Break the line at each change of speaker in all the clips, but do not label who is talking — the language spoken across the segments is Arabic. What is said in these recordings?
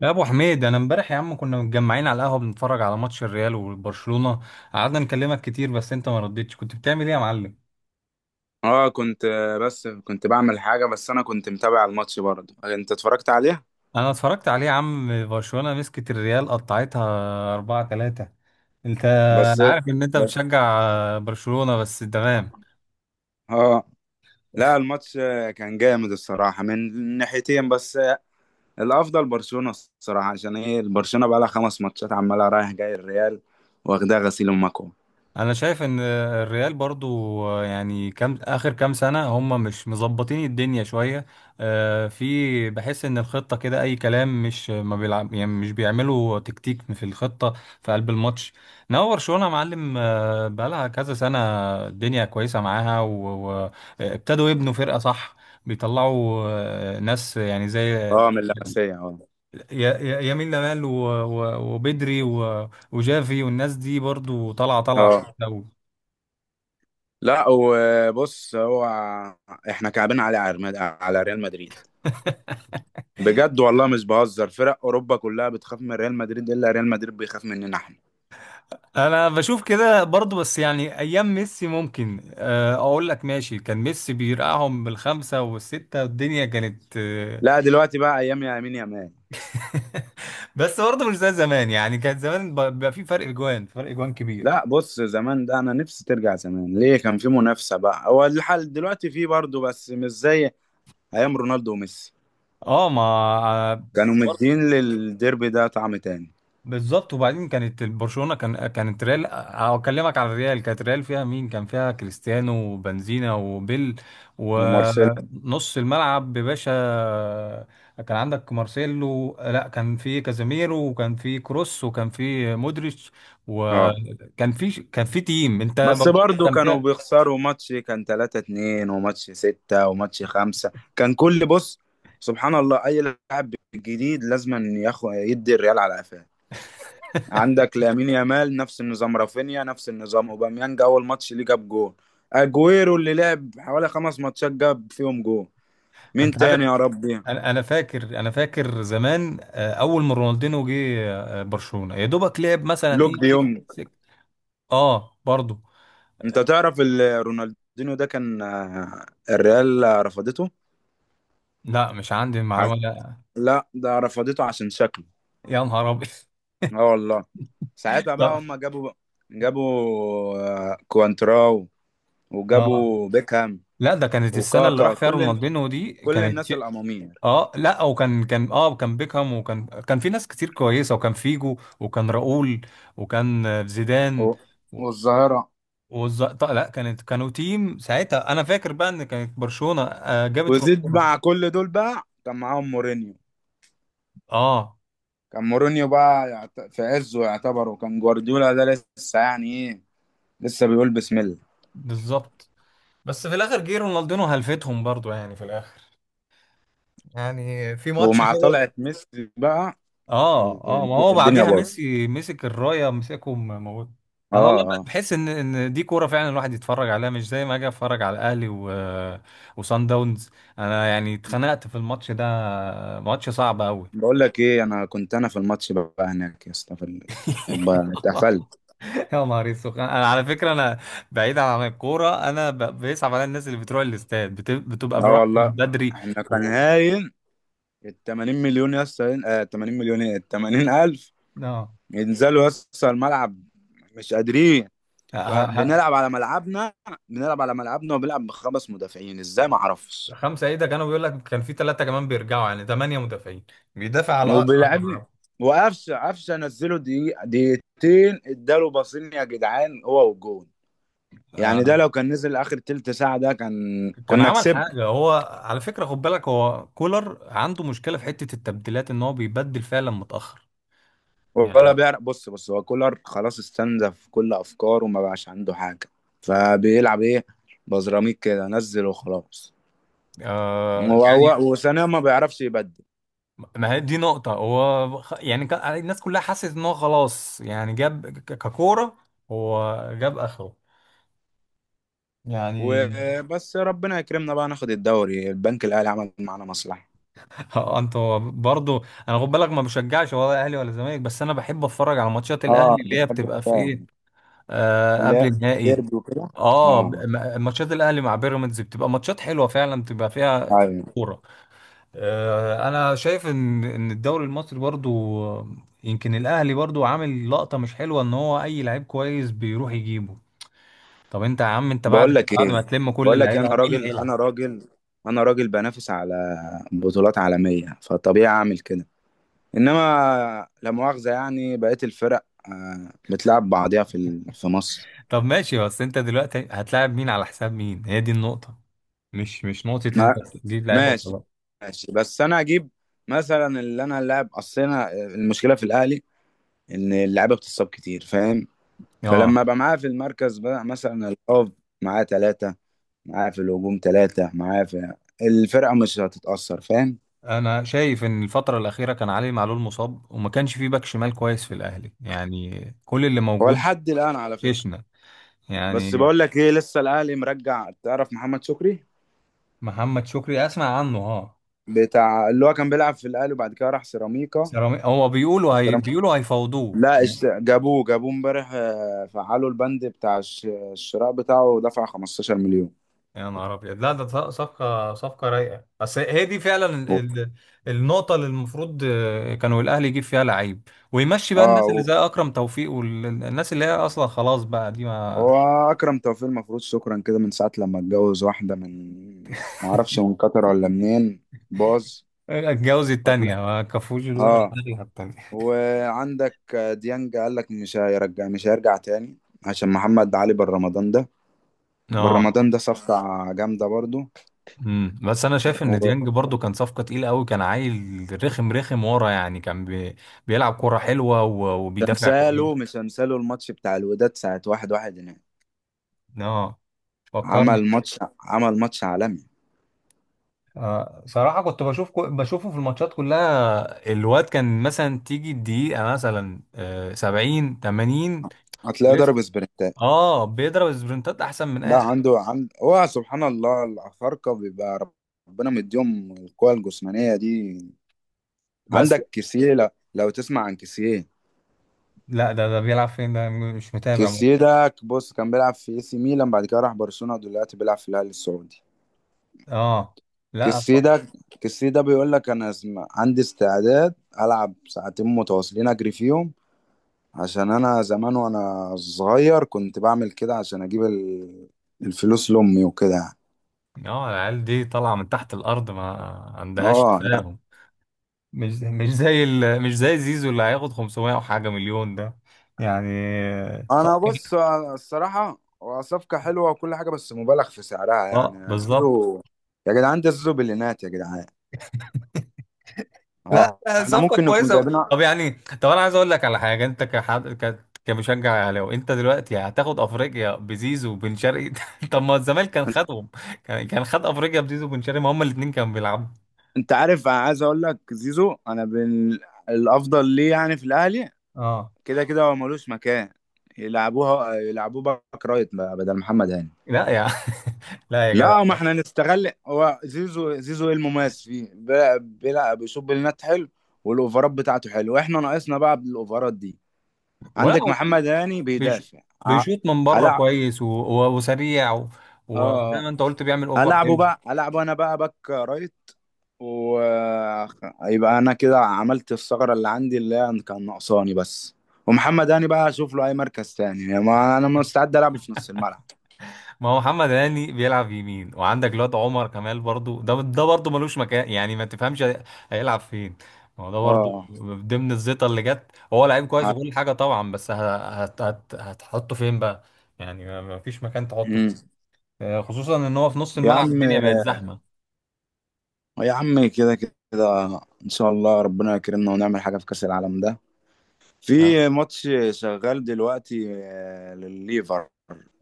يا ابو حميد، انا امبارح يا عم كنا متجمعين على القهوه بنتفرج على ماتش الريال وبرشلونه. قعدنا نكلمك كتير بس انت ما ردتش. كنت بتعمل ايه يا معلم؟
اه كنت بس كنت بعمل حاجة. بس انا كنت متابع الماتش برضه. انت اتفرجت عليها؟
انا اتفرجت عليه يا عم. برشلونه مسكت الريال قطعتها 4-3. انت...
بس
انا عارف ان انت
بس-
بتشجع برشلونه بس،
اه
تمام.
آه، لا الماتش كان جامد الصراحة من ناحيتين، بس الافضل برشلونة الصراحة. عشان ايه؟ برشلونة بقى لها 5 ماتشات عمالة رايح جاي الريال، واخدها غسيل ومكوى.
انا شايف ان الريال برضو يعني كام اخر كام سنه هم مش مظبطين الدنيا شويه. في، بحس ان الخطه كده اي كلام، مش ما بيلعب يعني مش بيعملوا تكتيك في الخطه. في قلب الماتش. انما برشلونه يا معلم، بقالها كذا سنه. الدنيا كويسه معاها وابتدوا يبنوا فرقه، صح. بيطلعوا ناس يعني زي...
اه، من اللمسية، اه.
يمين لمال وبدري وجافي، والناس دي برضو طالعه طالعه.
اه، لا وبص هو احنا كعبين على على ريال مدريد، بجد والله مش بهزر. فرق اوروبا كلها بتخاف من ريال مدريد، الا ريال مدريد بيخاف مننا احنا.
انا بشوف كده برضو، بس يعني ايام ميسي ممكن اقول لك ماشي. كان ميسي بيرقعهم بالخمسة والستة، والدنيا كانت
لا دلوقتي بقى ايام يا امين يا مان.
بس برضو مش زي زمان يعني. كان زمان بيبقى في فرق اجوان، فرق اجوان
لا
كبير.
بص، زمان ده انا نفسي ترجع. زمان ليه كان في منافسه، بقى هو الحال دلوقتي في برضه بس مش زي ايام رونالدو وميسي،
اه، ما
كانوا مدين، للديربي ده طعم تاني.
بالظبط. وبعدين كانت برشلونة، كانت ريال... اكلمك على الريال، كانت ريال فيها مين؟ كان فيها كريستيانو وبنزينا وبيل،
ومارسيلو.
ونص الملعب باشا. كان عندك مارسيلو، لا كان في كازاميرو وكان في كروس وكان في مودريتش،
اه
وكان في تيم. انت
بس
برشلونة
برضه
كان
كانوا
فيها...
بيخسروا ماتش كان 3-2، وماتش 6، وماتش 5. كان كل، بص سبحان الله، اي لاعب جديد لازم ياخد يدي الريال على قفاه. عندك لامين يامال نفس النظام، رافينيا نفس النظام، اوباميانج اول ماتش ليه جاب جول، اجويرو اللي لعب حوالي 5 ماتشات جاب فيهم جول. مين
انت
تاني
عارف؟
يا ربي؟
انا فاكر زمان، اول ما رونالدينو جه، برشلونة يا دوبك لعب مثلا
لوك
ايه،
دي
سك
يونج.
سك... اه برضه.
انت تعرف رونالدينيو ده كان، الريال رفضته.
لا، مش عندي
ع-
المعلومة، لا.
لا، ده رفضته عشان شكله.
يا نهار أبيض!
اه والله. ساعتها بقى
لا،
هم جابوا كوانتراو،
اه،
وجابوا بيكهام،
لا ده كانت السنة اللي
وكاكا،
راح فيها
كل
رونالدينو دي،
كل
كانت
الناس
شيء...
الأمامير،
اه لا، وكان اه كان بيكهام، وكان كان في ناس كتير كويسة، وكان فيجو وكان راؤول، وكان زيدان.
و-
و-
والظاهرة.
طيب. لا كانت، كانوا تيم ساعتها. انا فاكر بقى ان كانت برشلونة جابت
وزيد
رونالدينو.
مع كل دول بقى كان معاهم مورينيو.
اه،
كان مورينيو بقى في عزه يعتبر، وكان جوارديولا ده لسه يعني ايه، لسه بيقول بسم الله.
بالظبط. بس في الاخر جه رونالدينو هلفتهم برضو يعني في الاخر، يعني في ماتش
ومع
كده.
طلعة ميسي بقى
اه، ما هو
الدنيا
بعديها
باظت.
ميسي مسك الرايه، مسكهم موت.
اه،
انا والله بقى
اه.
بحس ان دي كوره فعلا، الواحد يتفرج عليها مش زي ما اجي اتفرج على الاهلي و... وسان داونز. انا يعني اتخنقت في الماتش ده، ماتش صعب قوي.
بقول لك ايه، انا كنت، انا في الماتش بقى هناك يا اسطى بقى اتقفلت.
يا نهار اسود! انا على فكره، انا بعيد عن الكوره، انا بيصعب عليا الناس اللي بتروح الاستاد بتبقى
اه
بروح من
والله.
بدري
احنا كان
و...
هاين ال 80 مليون يا اسطى، 80 مليون، ايه ال 80 الف
اه،
ينزلوا يا اسطى الملعب، مش قادرين.
ه... ه...
بنلعب على ملعبنا. بنلعب على ملعبنا وبنلعب بخمس مدافعين، ازاي
ه-
ما اعرفش.
خمسه ايه ده! كانوا بيقول لك كان في ثلاثه كمان بيرجعوا، يعني ثمانيه مدافعين بيدافع على
وبيلعبني وقفشه، قفشه نزله دقيقه دقيقتين اداله باصين يا جدعان هو والجون. يعني ده
على-
لو كان نزل اخر تلت ساعه ده كان،
كان
كنا
عمل
كسبنا.
حاجة هو. على فكرة خد بالك، هو كولر عنده مشكلة في حتة التبديلات، ان هو بيبدل فعلا متأخر
ولا
يعني.
بيعرف. بص، بص، هو كولر خلاص استنزف كل افكاره وما بقاش عنده حاجه، فبيلعب ايه؟ بزراميك كده نزل وخلاص.
يعني
وثانيا ما بيعرفش يبدل.
ما هي دي نقطة، هو يعني الناس كلها حست ان هو خلاص يعني، جاب ككورة، هو جاب اخره يعني.
وبس ربنا يكرمنا بقى ناخد الدوري، البنك الاهلي عمل معانا مصلحه.
اه، انتوا برضو انا خد بالك ما بشجعش ولا اهلي ولا زمالك، بس انا بحب اتفرج على ماتشات
اه،
الاهلي اللي هي
بتحب
بتبقى في
الكلام
ايه،
اللي
قبل
هي
النهائي.
ديربي وكده.
اه،
اه.
ماتشات الاهلي مع بيراميدز بتبقى ماتشات حلوه فعلا، بتبقى فيها
ايوه.
كوره. انا شايف ان الدوري المصري برضو، يمكن الاهلي برضو عامل لقطه مش حلوه، ان هو اي لعيب كويس بيروح يجيبه. طب انت يا عم، انت
بقول
بعد
لك
بعد
ايه،
ما تلم كل
بقول لك إيه،
اللعيبه،
انا
مين اللي
راجل، انا
هيلعب؟
راجل، انا راجل بنافس على بطولات عالميه، فطبيعي اعمل كده. انما لا مؤاخذه يعني بقيت الفرق بتلعب بعضيها في مصر.
طب ماشي، بس انت دلوقتي هتلاعب مين على حساب مين؟ هي دي النقطه. مش نقطه انت
ما-
تجيب لعيبه
ماشي،
وخلاص.
ماشي، بس انا اجيب مثلا، اللي انا اللاعب، اصل انا المشكله في الاهلي ان اللعيبه بتصاب كتير، فاهم؟ فلما
اه،
ابقى معاه في المركز بقى، مثلا الهاف معاه ثلاثة، معاه في الهجوم ثلاثة، معاه في الفرقة، مش هتتأثر، فاهم؟
انا شايف ان الفتره الاخيره كان علي معلول مصاب، وما كانش فيه باك شمال كويس في الاهلي، يعني كل اللي
هو
موجود
لحد الآن على فكرة.
شيشنا
بس
يعني.
بقول لك ايه، لسه الأهلي مرجع. تعرف محمد شكري
محمد شكري، اسمع عنه اه.
بتاع، اللي هو كان بيلعب في الأهلي وبعد كده راح سيراميكا.
هو بيقولوا هي
سيراميكا-
بيقولوا هيفاوضوه
لا
يعني.
جابوه، جابوه امبارح، فعلوا البند بتاع الشراء بتاعه، ودفع 15 مليون.
يا نهار ابيض! لا ده صفقه رايقه، بس هي دي فعلا ال- النقطه اللي المفروض كانوا الاهلي يجيب فيها لعيب ويمشي بقى. الناس اللي
اه.
زي اكرم توفيق والناس اللي هي اصلا خلاص بقى دي، ما
واكرم توفيق المفروض شكرا كده من ساعه لما اتجوز واحده من، ما اعرفش من قطر ولا منين، باظ.
اتجوز التانية
ولا-
ما كفوش الورق.
اه.
التانية.
وعندك ديانج قال لك مش هيرجع، مش هيرجع تاني، عشان محمد علي بالرمضان ده.
اه.
بالرمضان ده صفقة جامدة برضو.
بس انا شايف ان ديانج برضو كان صفقه تقيله قوي، كان عيل رخم رخم ورا يعني، كان بي... بيلعب كوره حلوه وبيدافع
وتمثاله
كويس.
مش هنساله، الماتش بتاع الوداد ساعة 1-1 هناك،
اه، فكرني.
عمل ماتش عمل ماتش عالمي.
صراحه كنت بشوف بشوفه في الماتشات كلها. الواد كان مثلا تيجي الدقيقه مثلا 70 80،
هتلاقيه
ولسه.
ضرب سبرنتات.
اه بيضرب سبرنتات احسن من
لا
اي حد.
عنده، عند هو سبحان الله الأفارقة بيبقى ربنا مديهم القوة الجسمانية دي.
بس.
عندك كيسيه، لو تسمع عن كيسيه.
لا ده بيلعب فين؟ ده مش متابع.
كيسيه ده بص كان بيلعب في اي سي ميلان، بعد كده راح برشلونة، دلوقتي بيلعب في الهلال السعودي.
اه. لا.
كيسيه ده كيسيه ده بيقول لك انا عندي استعداد العب ساعتين متواصلين اجري فيهم. عشان انا زمان وانا صغير كنت بعمل كده عشان اجيب الفلوس لامي وكده يعني.
اه، العيال دي طالعه من تحت الارض، ما عندهاش
اه.
تفاهم. مش زي زيزو اللي هياخد 500 وحاجة مليون ده يعني.
انا
صفقة...
بص، أنا الصراحه هو صفقه حلوه وكل حاجه، بس مبالغ في سعرها
اه،
يعني
بالظبط.
زيرو. يا جدعان ده زيرو بليونات يا جدعان.
لا
اه
لا،
احنا
صفقة
ممكن نكون
كويسة.
جايبينها.
طب يعني انا عايز اقول لك على حاجة. انت كحد كمشجع اهلاوي، انت دلوقتي هتاخد افريقيا بزيزو وبن شرقي. طب ما الزمالك كان
انت
خدهم، كان خد افريقيا بزيزو وبن شرقي، ما هما الاثنين كانوا بيلعبوا.
أنت عارف، أنا عايز اقول لك زيزو انا الافضل ليه يعني في الاهلي.
اه.
كده كده هو ملوش مكان. يلعبوه باك رايت بقى بدل محمد هاني.
لا يا... لا يا
لا ما
جدع.
احنا نستغل هو زيزو. زيزو ايه المميز فيه؟ بيلعب، بيشوط بلينات حلو، والاوفرات بتاعته حلوه. احنا ناقصنا بقى بالاوفرات دي.
ولا
عندك
هو
محمد هاني
بيش...
بيدافع. ع-
بيشوط من بره
هلعب.
كويس وسريع و...
اه،
وزي ما
اه.
انت قلت بيعمل اوفر حلو.
هلعبه انا بقى باك رايت، ويبقى انا كده عملت الثغرة اللي عندي اللي هي كان ناقصاني بس. ومحمد هاني بقى اشوف له اي مركز تاني، يعني ما انا مستعد العبه في نص الملعب.
ما هو محمد هاني بيلعب يمين، وعندك الواد عمر كمال برضو، ده برضو ملوش مكان، يعني ما تفهمش هيلعب فين؟ ما هو ده برضو
اه.
ضمن الزيطه اللي جت، هو لعيب كويس
ع-
وكل حاجه طبعا، بس هت هت هتحطه فين بقى؟ يعني ما فيش مكان تحطه
مم.
فيه. خصوصا ان هو في نص
يا
الملعب
عم،
الدنيا بقت زحمه
يا عم كده كده ان شاء الله ربنا يكرمنا ونعمل حاجة في كأس العالم ده.
يعني.
في ماتش شغال دلوقتي للليفر،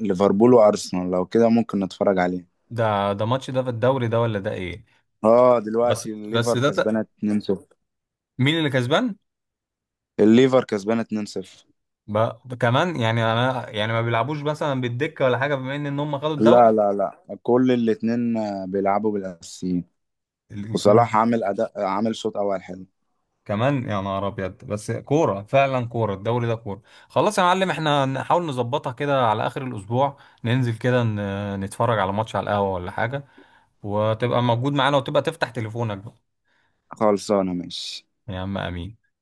ليفربول وارسنال، لو كده ممكن نتفرج عليه.
ده ماتش ده في الدوري ده ولا ده ايه؟
اه
بس
دلوقتي
بس
الليفر
ده
كسبانه 2-0.
مين اللي كسبان؟
الليفر كسبانه 2-0.
بقى كمان، يعني انا يعني ما بيلعبوش مثلا بالدكه ولا حاجه بما ان هم خدوا الدوري.
لا، لا، لا، كل الاتنين بيلعبوا بالاساسيين. وصلاح
الاثنين.
عامل اداء، عامل شوط اول حلو.
كمان، يا نهار ابيض! بس كوره فعلا، كوره الدوري ده كوره. خلاص يا معلم، احنا نحاول نظبطها كده على اخر الاسبوع. ننزل كده نتفرج على ماتش على القهوه ولا حاجه، وتبقى موجود معانا، وتبقى تفتح تليفونك بقى.
خلصانه، ماشي.
يا عم امين.